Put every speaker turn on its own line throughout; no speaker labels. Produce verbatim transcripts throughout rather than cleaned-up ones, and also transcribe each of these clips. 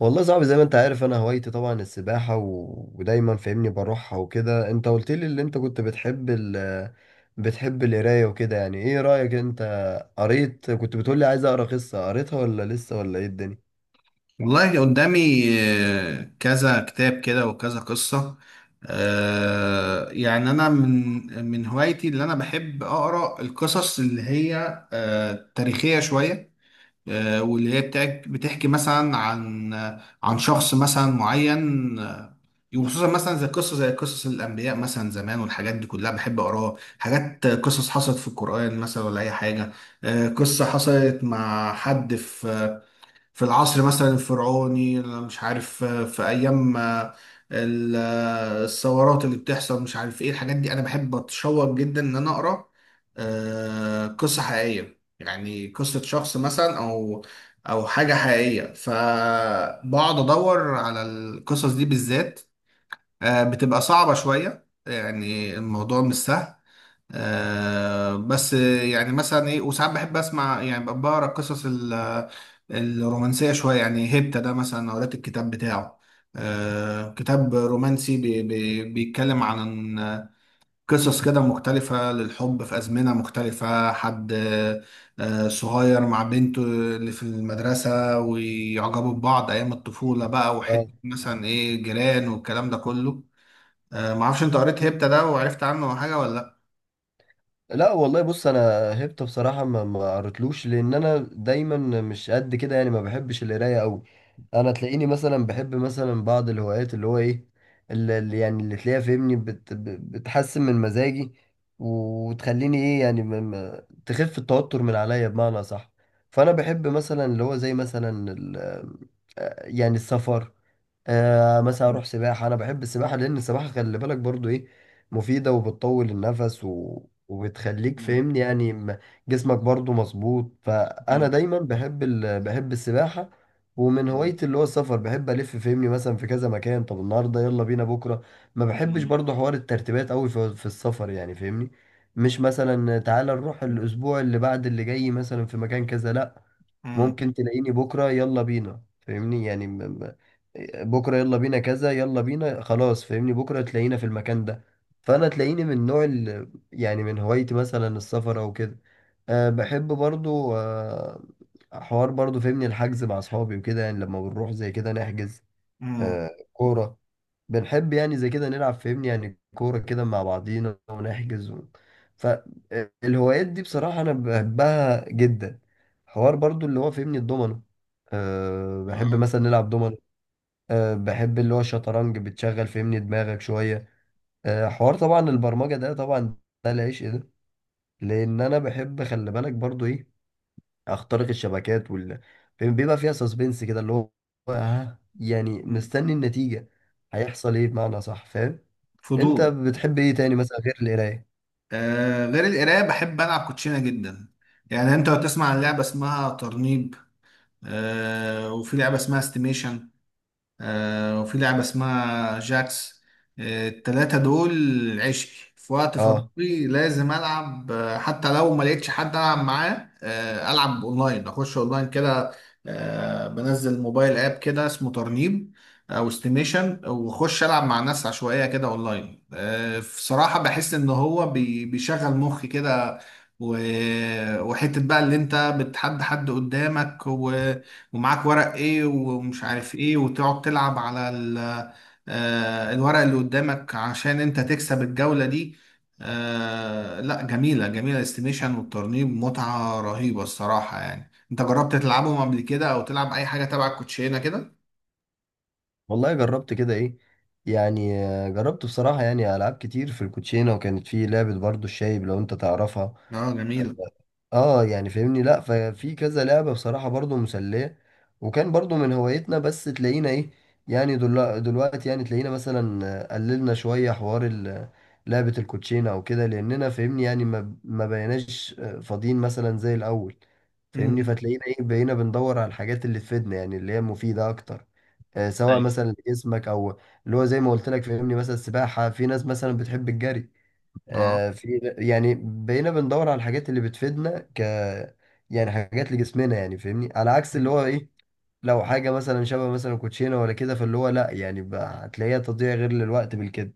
والله صعب زي ما انت عارف، انا هوايتي طبعا السباحة و... ودايما فاهمني بروحها وكده. انت قلت لي اللي انت كنت بتحب ال... بتحب القراية وكده. يعني ايه رأيك انت؟ قريت كنت بتقول لي عايز اقرا قصة، قريتها ولا لسه، ولا ايه الدنيا؟
والله قدامي آه، كذا كتاب كده وكذا قصة. آه، يعني أنا من من هوايتي اللي أنا بحب أقرأ القصص اللي هي آه، تاريخية شوية، آه، واللي هي بتاع- بتحكي مثلا عن عن شخص مثلا معين، آه، وخصوصا مثلا زي قصة زي قصص الأنبياء مثلا زمان والحاجات دي كلها بحب أقراها، حاجات قصص حصلت في القرآن مثلا ولا أي حاجة. آه، قصة حصلت مع حد في في العصر مثلا الفرعوني، مش عارف، في ايام آه، ال- آه، الثورات اللي بتحصل، مش عارف ايه الحاجات دي. انا بحب اتشوق جدا ان انا اقرا آه، قصة حقيقية، يعني قصة شخص مثلا او او حاجة حقيقية، فبقعد ادور على القصص دي بالذات. آه، بتبقى صعبة شوية، يعني الموضوع مش سهل. آه بس يعني مثلا ايه، وساعات بحب اسمع، يعني ب- بقرا القصص ال- الرومانسيه شويه، يعني هيبتا ده مثلا قريت الكتاب بتاعه. آه كتاب رومانسي بي بي بيتكلم عن قصص كده مختلفه للحب في ازمنه مختلفه، حد آه صغير مع بنته اللي في المدرسه ويعجبوا ببعض ايام الطفوله بقى، وحته مثلا ايه، جيران والكلام ده كله. آه معرفش انت قريت هيبتا ده وعرفت عنه حاجه ولا لا؟
لا والله، بص انا هبت بصراحه ما ما قريتلوش، لان انا دايما مش قد كده يعني ما بحبش القرايه قوي. انا تلاقيني مثلا بحب مثلا بعض الهوايات اللي هو ايه؟ اللي اللي يعني اللي تلاقيها فهمني بت ب- بتحسن من مزاجي وتخليني ايه، يعني ما- ما- تخف التوتر من عليا، بمعنى صح. فانا بحب مثلا اللي هو زي مثلا ال- آه، يعني السفر. آه مثلا اروح سباحه. انا بحب السباحه لان السباحه، خلي بالك برضو، ايه، مفيده وبتطول النفس و... وبتخليك فاهمني يعني م- جسمك برضو مظبوط. فانا
مم.
دايما بحب ال... بحب السباحه. ومن
مم.
هوايتي اللي هو السفر، بحب الف فاهمني مثلا في كذا مكان. طب النهارده يلا بينا، بكره. ما بحبش
مم.
برضو حوار الترتيبات قوي في... في السفر يعني فاهمني. مش مثلا تعالى نروح الاسبوع اللي بعد اللي جاي مثلا في مكان كذا، لا.
مم.
ممكن تلاقيني بكرة يلا بينا فاهمني يعني م- م- بكرة يلا بينا كذا، يلا بينا خلاص، فاهمني، بكرة تلاقينا في المكان ده. فأنا تلاقيني من نوع ال... يعني من هوايتي مثلا السفر أو كده. أه بحب برضو أه حوار برضو فاهمني الحجز مع أصحابي وكده. يعني لما بنروح زي كده نحجز.
مم.
أه كورة، بنحب يعني زي كده نلعب، فاهمني، يعني كورة كده مع بعضينا ونحجز و... فالهوايات دي بصراحة أنا بحبها جدا. حوار برضو اللي هو فاهمني الدومينو، أه بحب
اه.
مثلا نلعب دومينو. أه بحب اللي هو الشطرنج، بتشغل فاهمني دماغك شوية. أه حوار طبعا البرمجة ده، طبعا ده العيش، إيه ده. لأن أنا بحب، خلي بالك برضو، إيه، أخترق الشبكات وال بيبقى فيها سسبنس كده، اللي هو ها يعني
مم.
مستني النتيجة، هيحصل إيه، بمعنى صح فاهم. انت
فضول.
بتحب ايه تاني مثلا غير القرايه؟
آه غير القراية بحب ألعب كوتشينة جدا، يعني أنت لو تسمع عن لعبة اسمها ترنيب، آه وفي لعبة اسمها استيميشن، آه، وفي لعبة اسمها جاكس. آه، التلاتة دول عشقي، في وقت
اه،
فراغي لازم ألعب، آه، حتى لو ما لقيتش حد ألعب معاه، آه، ألعب أونلاين، أخش أونلاين كده. آه، بنزل موبايل آب كده اسمه ترنيب أو استيميشن، وأخش ألعب مع ناس عشوائية كده أونلاين. آه، بصراحة بحس إن هو بي- بيشغل مخي كده، و- وحتة بقى اللي انت بتحدى حد قدامك ومعاك ورق ايه ومش عارف ايه، وتقعد تلعب على ال- آه، الورق اللي قدامك عشان انت تكسب الجولة دي. آه، لا جميلة جميلة، الاستيميشن والترنيب متعة رهيبة الصراحة. يعني انت جربت تلعبهم قبل كده او تلعب اي حاجة تبع الكوتشينة كده؟
والله جربت كده ايه، يعني آه، جربت بصراحه يعني العاب كتير في الكوتشينه. وكانت في لعبه برضو الشايب، لو انت تعرفها.
اه، جميلة.
اه، يعني فاهمني لا، ففي كذا لعبة بصراحة برضو مسلية. وكان برضو من هوايتنا، بس تلاقينا ايه، يعني دل- دلوقتي يعني تلاقينا مثلا آه، قللنا شوية حوار ال- لعبة الكوتشينة او كده، لاننا فاهمني يعني ما ما بقيناش آه، فاضيين مثلا زي الاول. فاهمني،
امم.
فتلاقينا ايه، بقينا بندور على الحاجات اللي تفيدنا يعني اللي هي مفيدة اكتر. آه، سواء
أيوة.
مثلا لجسمك او اللي هو زي ما قلت لك فاهمني مثلا السباحة. في ناس مثلا بتحب الجري. آه، في يعني بقينا بندور على الحاجات اللي بتفيدنا ك يعني حاجات لجسمنا يعني فاهمني، على عكس اللي هو ايه، لو حاجة مثلا شبه مثلا كوتشينة ولا كده، فاللي هو لا يعني بقى هتلاقيها تضييع غير للوقت بالكده.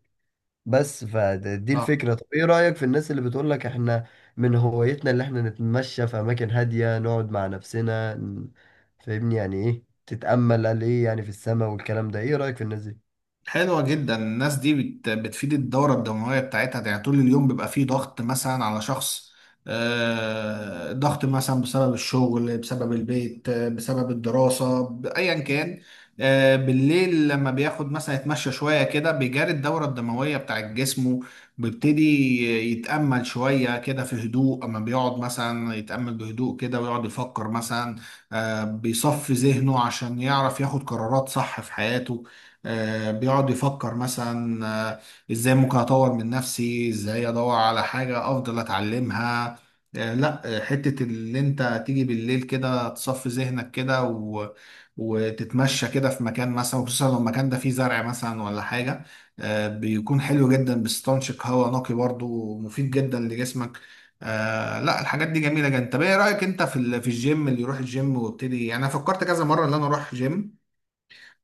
بس فدي
اه.
الفكرة. طب ايه رأيك في الناس اللي بتقول لك احنا من هوايتنا اللي احنا نتمشى في اماكن هادية، نقعد مع نفسنا ن- فاهمني يعني ايه، تتأمل قال ايه يعني، في السماء والكلام ده. ايه رأيك في الناس دي؟
حلوة جدا الناس دي، بت... بتفيد الدورة الدموية بتاعتها، يعني طول اليوم بيبقى فيه ضغط مثلا على شخص، آه، ضغط مثلا بسبب الشغل، بسبب البيت، آه، بسبب الدراسة، ب- أيا كان. آه، بالليل لما بياخد مثلا يتمشى شوية كده بيجاري الدورة الدموية بتاعت جسمه، بيبتدي يتأمل شوية كده في هدوء. أما بيقعد مثلا يتأمل بهدوء كده ويقعد يفكر مثلا، آه، بيصفي ذهنه عشان يعرف ياخد قرارات صح في حياته. آه، بيقعد يفكر مثلا، آه، ازاي ممكن اطور من نفسي، ازاي ادور على حاجة افضل اتعلمها. آه، لا، آه، حتة اللي انت تيجي بالليل كده تصفي ذهنك كده و... وتتمشى كده في مكان مثلا، خصوصا لو المكان ده فيه زرع مثلا ولا حاجة، آه، بيكون حلو جدا، بيستنشق هواء نقي برضو ومفيد جدا لجسمك. آه لا، الحاجات دي جميله جدا. طب ايه رايك انت في ال- في الجيم؟ اللي يروح الجيم وابتدي، يعني انا فكرت كذا مره ان انا اروح جيم،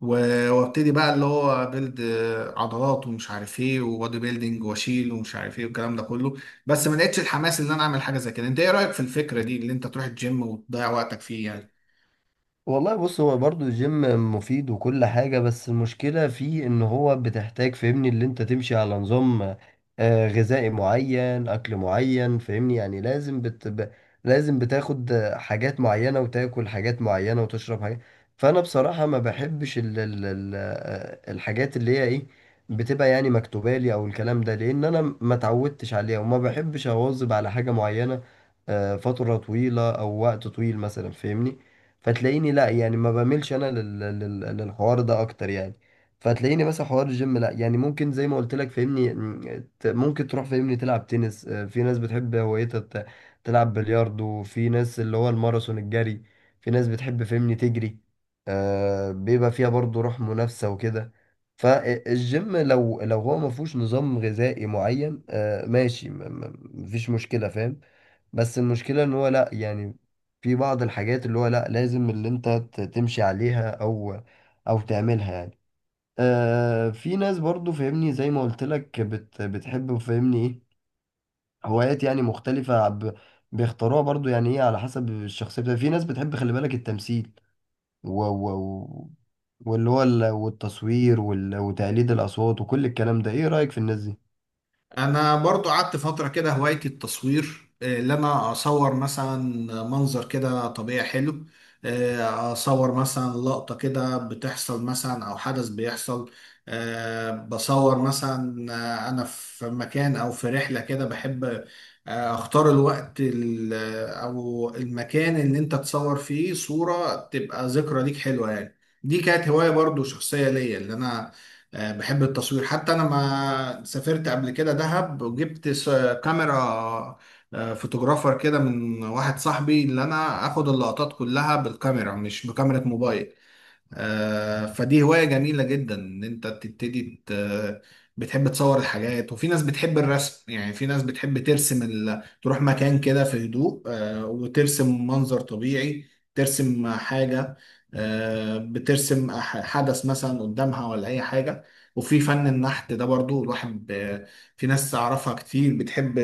و- وابتدي بقى اللي هو بيلد عضلات ومش عارف ايه، وبودي بيلدينج، واشيل ومش عارف ايه والكلام ده كله. بس ما لقيتش الحماس ان انا اعمل حاجه زي كده. انت ايه رايك في الفكره دي، اللي انت تروح الجيم وتضيع وقتك فيه يعني؟
والله بص، هو برضو الجيم مفيد وكل حاجة، بس المشكلة فيه ان هو بتحتاج فاهمني اللي انت تمشي على نظام آه، غذائي معين، اكل معين، فاهمني يعني لازم بت... ب... لازم بتاخد آه، حاجات معينة وتاكل حاجات معينة وتشرب حاجات. فانا بصراحة ما بحبش ال... ال... ال... آه، الحاجات اللي هي ايه، بتبقى يعني مكتوبة لي او الكلام ده، لان انا ما اتعودتش عليها وما بحبش اواظب على حاجة معينة آه، فترة طويلة او وقت طويل مثلا فاهمني. فتلاقيني لا يعني، ما بعملش انا لل... لل... للحوار ده اكتر يعني. فتلاقيني مثلا حوار الجيم لا يعني، ممكن زي ما قلت لك فاهمني م، ت- ممكن تروح فاهمني تلعب تنس. آه، في ناس بتحب هوايتها ت- تلعب بلياردو. في ناس اللي هو الماراثون، الجري. في ناس بتحب فاهمني تجري. آه بيبقى فيها برضو روح منافسة وكده. فالجيم لو لو هو ما فيهوش نظام غذائي معين، آه ماشي، م- م- مفيش مشكلة فاهم. بس المشكلة ان هو لا يعني، في بعض الحاجات اللي هو لا، لازم اللي انت ت- تمشي عليها او او تعملها يعني. آه في ناس برضو فاهمني زي ما قلت لك بت بتحب فاهمني ايه، هوايات يعني مختلفة ب- بيختاروها برضو يعني ايه على حسب الشخصية بتاعتك. في ناس بتحب، خلي بالك، التمثيل و و و- واللي هو ال- والتصوير وال- وتقليد الأصوات وكل الكلام ده. ايه رأيك في الناس دي؟
انا برضو قعدت فترة كده هوايتي التصوير، آه، اللي انا اصور مثلا منظر كده طبيعي حلو، آه، اصور مثلا لقطة كده بتحصل مثلا او حدث بيحصل، آه، بصور مثلا، آه، انا في مكان او في رحلة كده بحب آه، اختار الوقت ال- او المكان اللي انت تصور فيه صورة تبقى ذكرى ليك حلوة يعني. دي كانت هواية برضو شخصية ليا، اللي انا آه، بحب التصوير. حتى انا ما سافرت قبل كده دهب وجبت س- كاميرا، آه، فوتوغرافر كده من واحد صاحبي، اللي انا اخد اللقطات كلها بالكاميرا مش بكاميرا موبايل. آه، فدي هواية جميلة جدا، ان انت تبتدي ت- بتحب تصور الحاجات. وفي ناس بتحب الرسم، يعني في ناس بتحب ترسم ال... تروح مكان كده في هدوء، آه، وترسم منظر طبيعي، ترسم حاجة، آه، بترسم ح- حدث مثلا قدامها ولا اي حاجة. وفي فن النحت ده برضو الواحد ب... في ناس اعرفها كتير بتحب،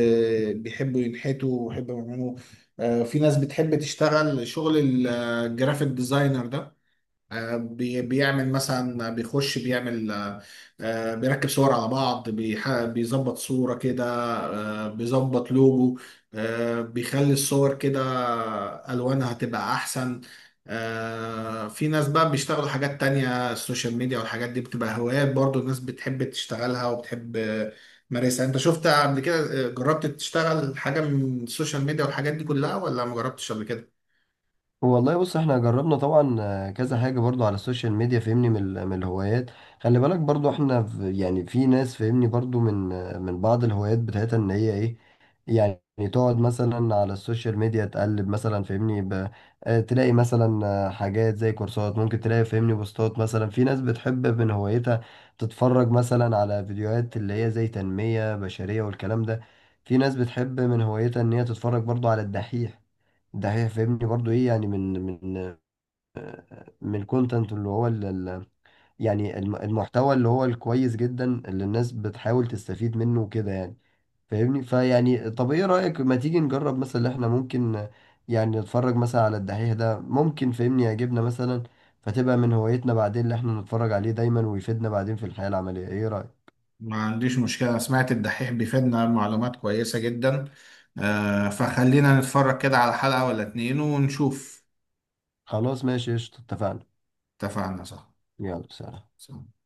بيحبوا ينحتوا ويحبوا يعملوا. آه، في ناس بتحب تشتغل شغل الجرافيك ديزاينر ده، آه، بي- بيعمل مثلا، بيخش بيعمل، آه، آه، بيركب صور على بعض، بيح- بيظبط صورة كده، آه، بيظبط لوجو، آه، بيخلي الصور كده ألوانها تبقى أحسن. آه، في ناس بقى بيشتغلوا حاجات تانية، السوشيال ميديا والحاجات دي بتبقى هوايات برضو، الناس بتحب تشتغلها وبتحب آه، تمارسها. انت شفت قبل كده آه، جربت تشتغل حاجة من السوشيال ميديا والحاجات دي كلها ولا ما جربتش قبل كده؟
والله بص، احنا جربنا طبعا آه، كذا حاجة برضو على السوشيال ميديا فهمني من ال- من الهوايات. خلي بالك برضو احنا في يعني في ناس فهمني برضو من آه، من بعض الهوايات بتاعتها ان هي ايه، يعني تقعد مثلا على السوشيال ميديا تقلب مثلا فهمني ب... آه، تلاقي مثلا آه، حاجات زي كورسات. ممكن تلاقي فهمني بوستات، مثلا في ناس بتحب من هوايتها تتفرج مثلا على فيديوهات اللي هي زي تنمية بشرية والكلام ده. في ناس بتحب من هوايتها ان هي تتفرج برضو على الدحيح ده، هي فاهمني برضو ايه يعني من من من الكونتنت اللي هو ال ال- يعني الم- المحتوى اللي هو الكويس جدا، اللي الناس بتحاول تستفيد منه وكده يعني. فاهمني، فيعني طب ايه رأيك، ما تيجي نجرب مثلا اللي احنا ممكن يعني نتفرج مثلا على الدحيح ده، ممكن فاهمني يعجبنا مثلا، فتبقى من هوايتنا بعدين اللي احنا نتفرج عليه دايما ويفيدنا بعدين في الحياة العملية. ايه رأيك؟
ما عنديش مشكلة. أنا سمعت الدحيح بيفيدنا معلومات كويسة جدا، آه، فخلينا نتفرج كده على حلقة ولا اتنين ونشوف.
خلاص ماشي قشطة، اتفقنا.
اتفقنا، صح.
يلا سلام.
صح.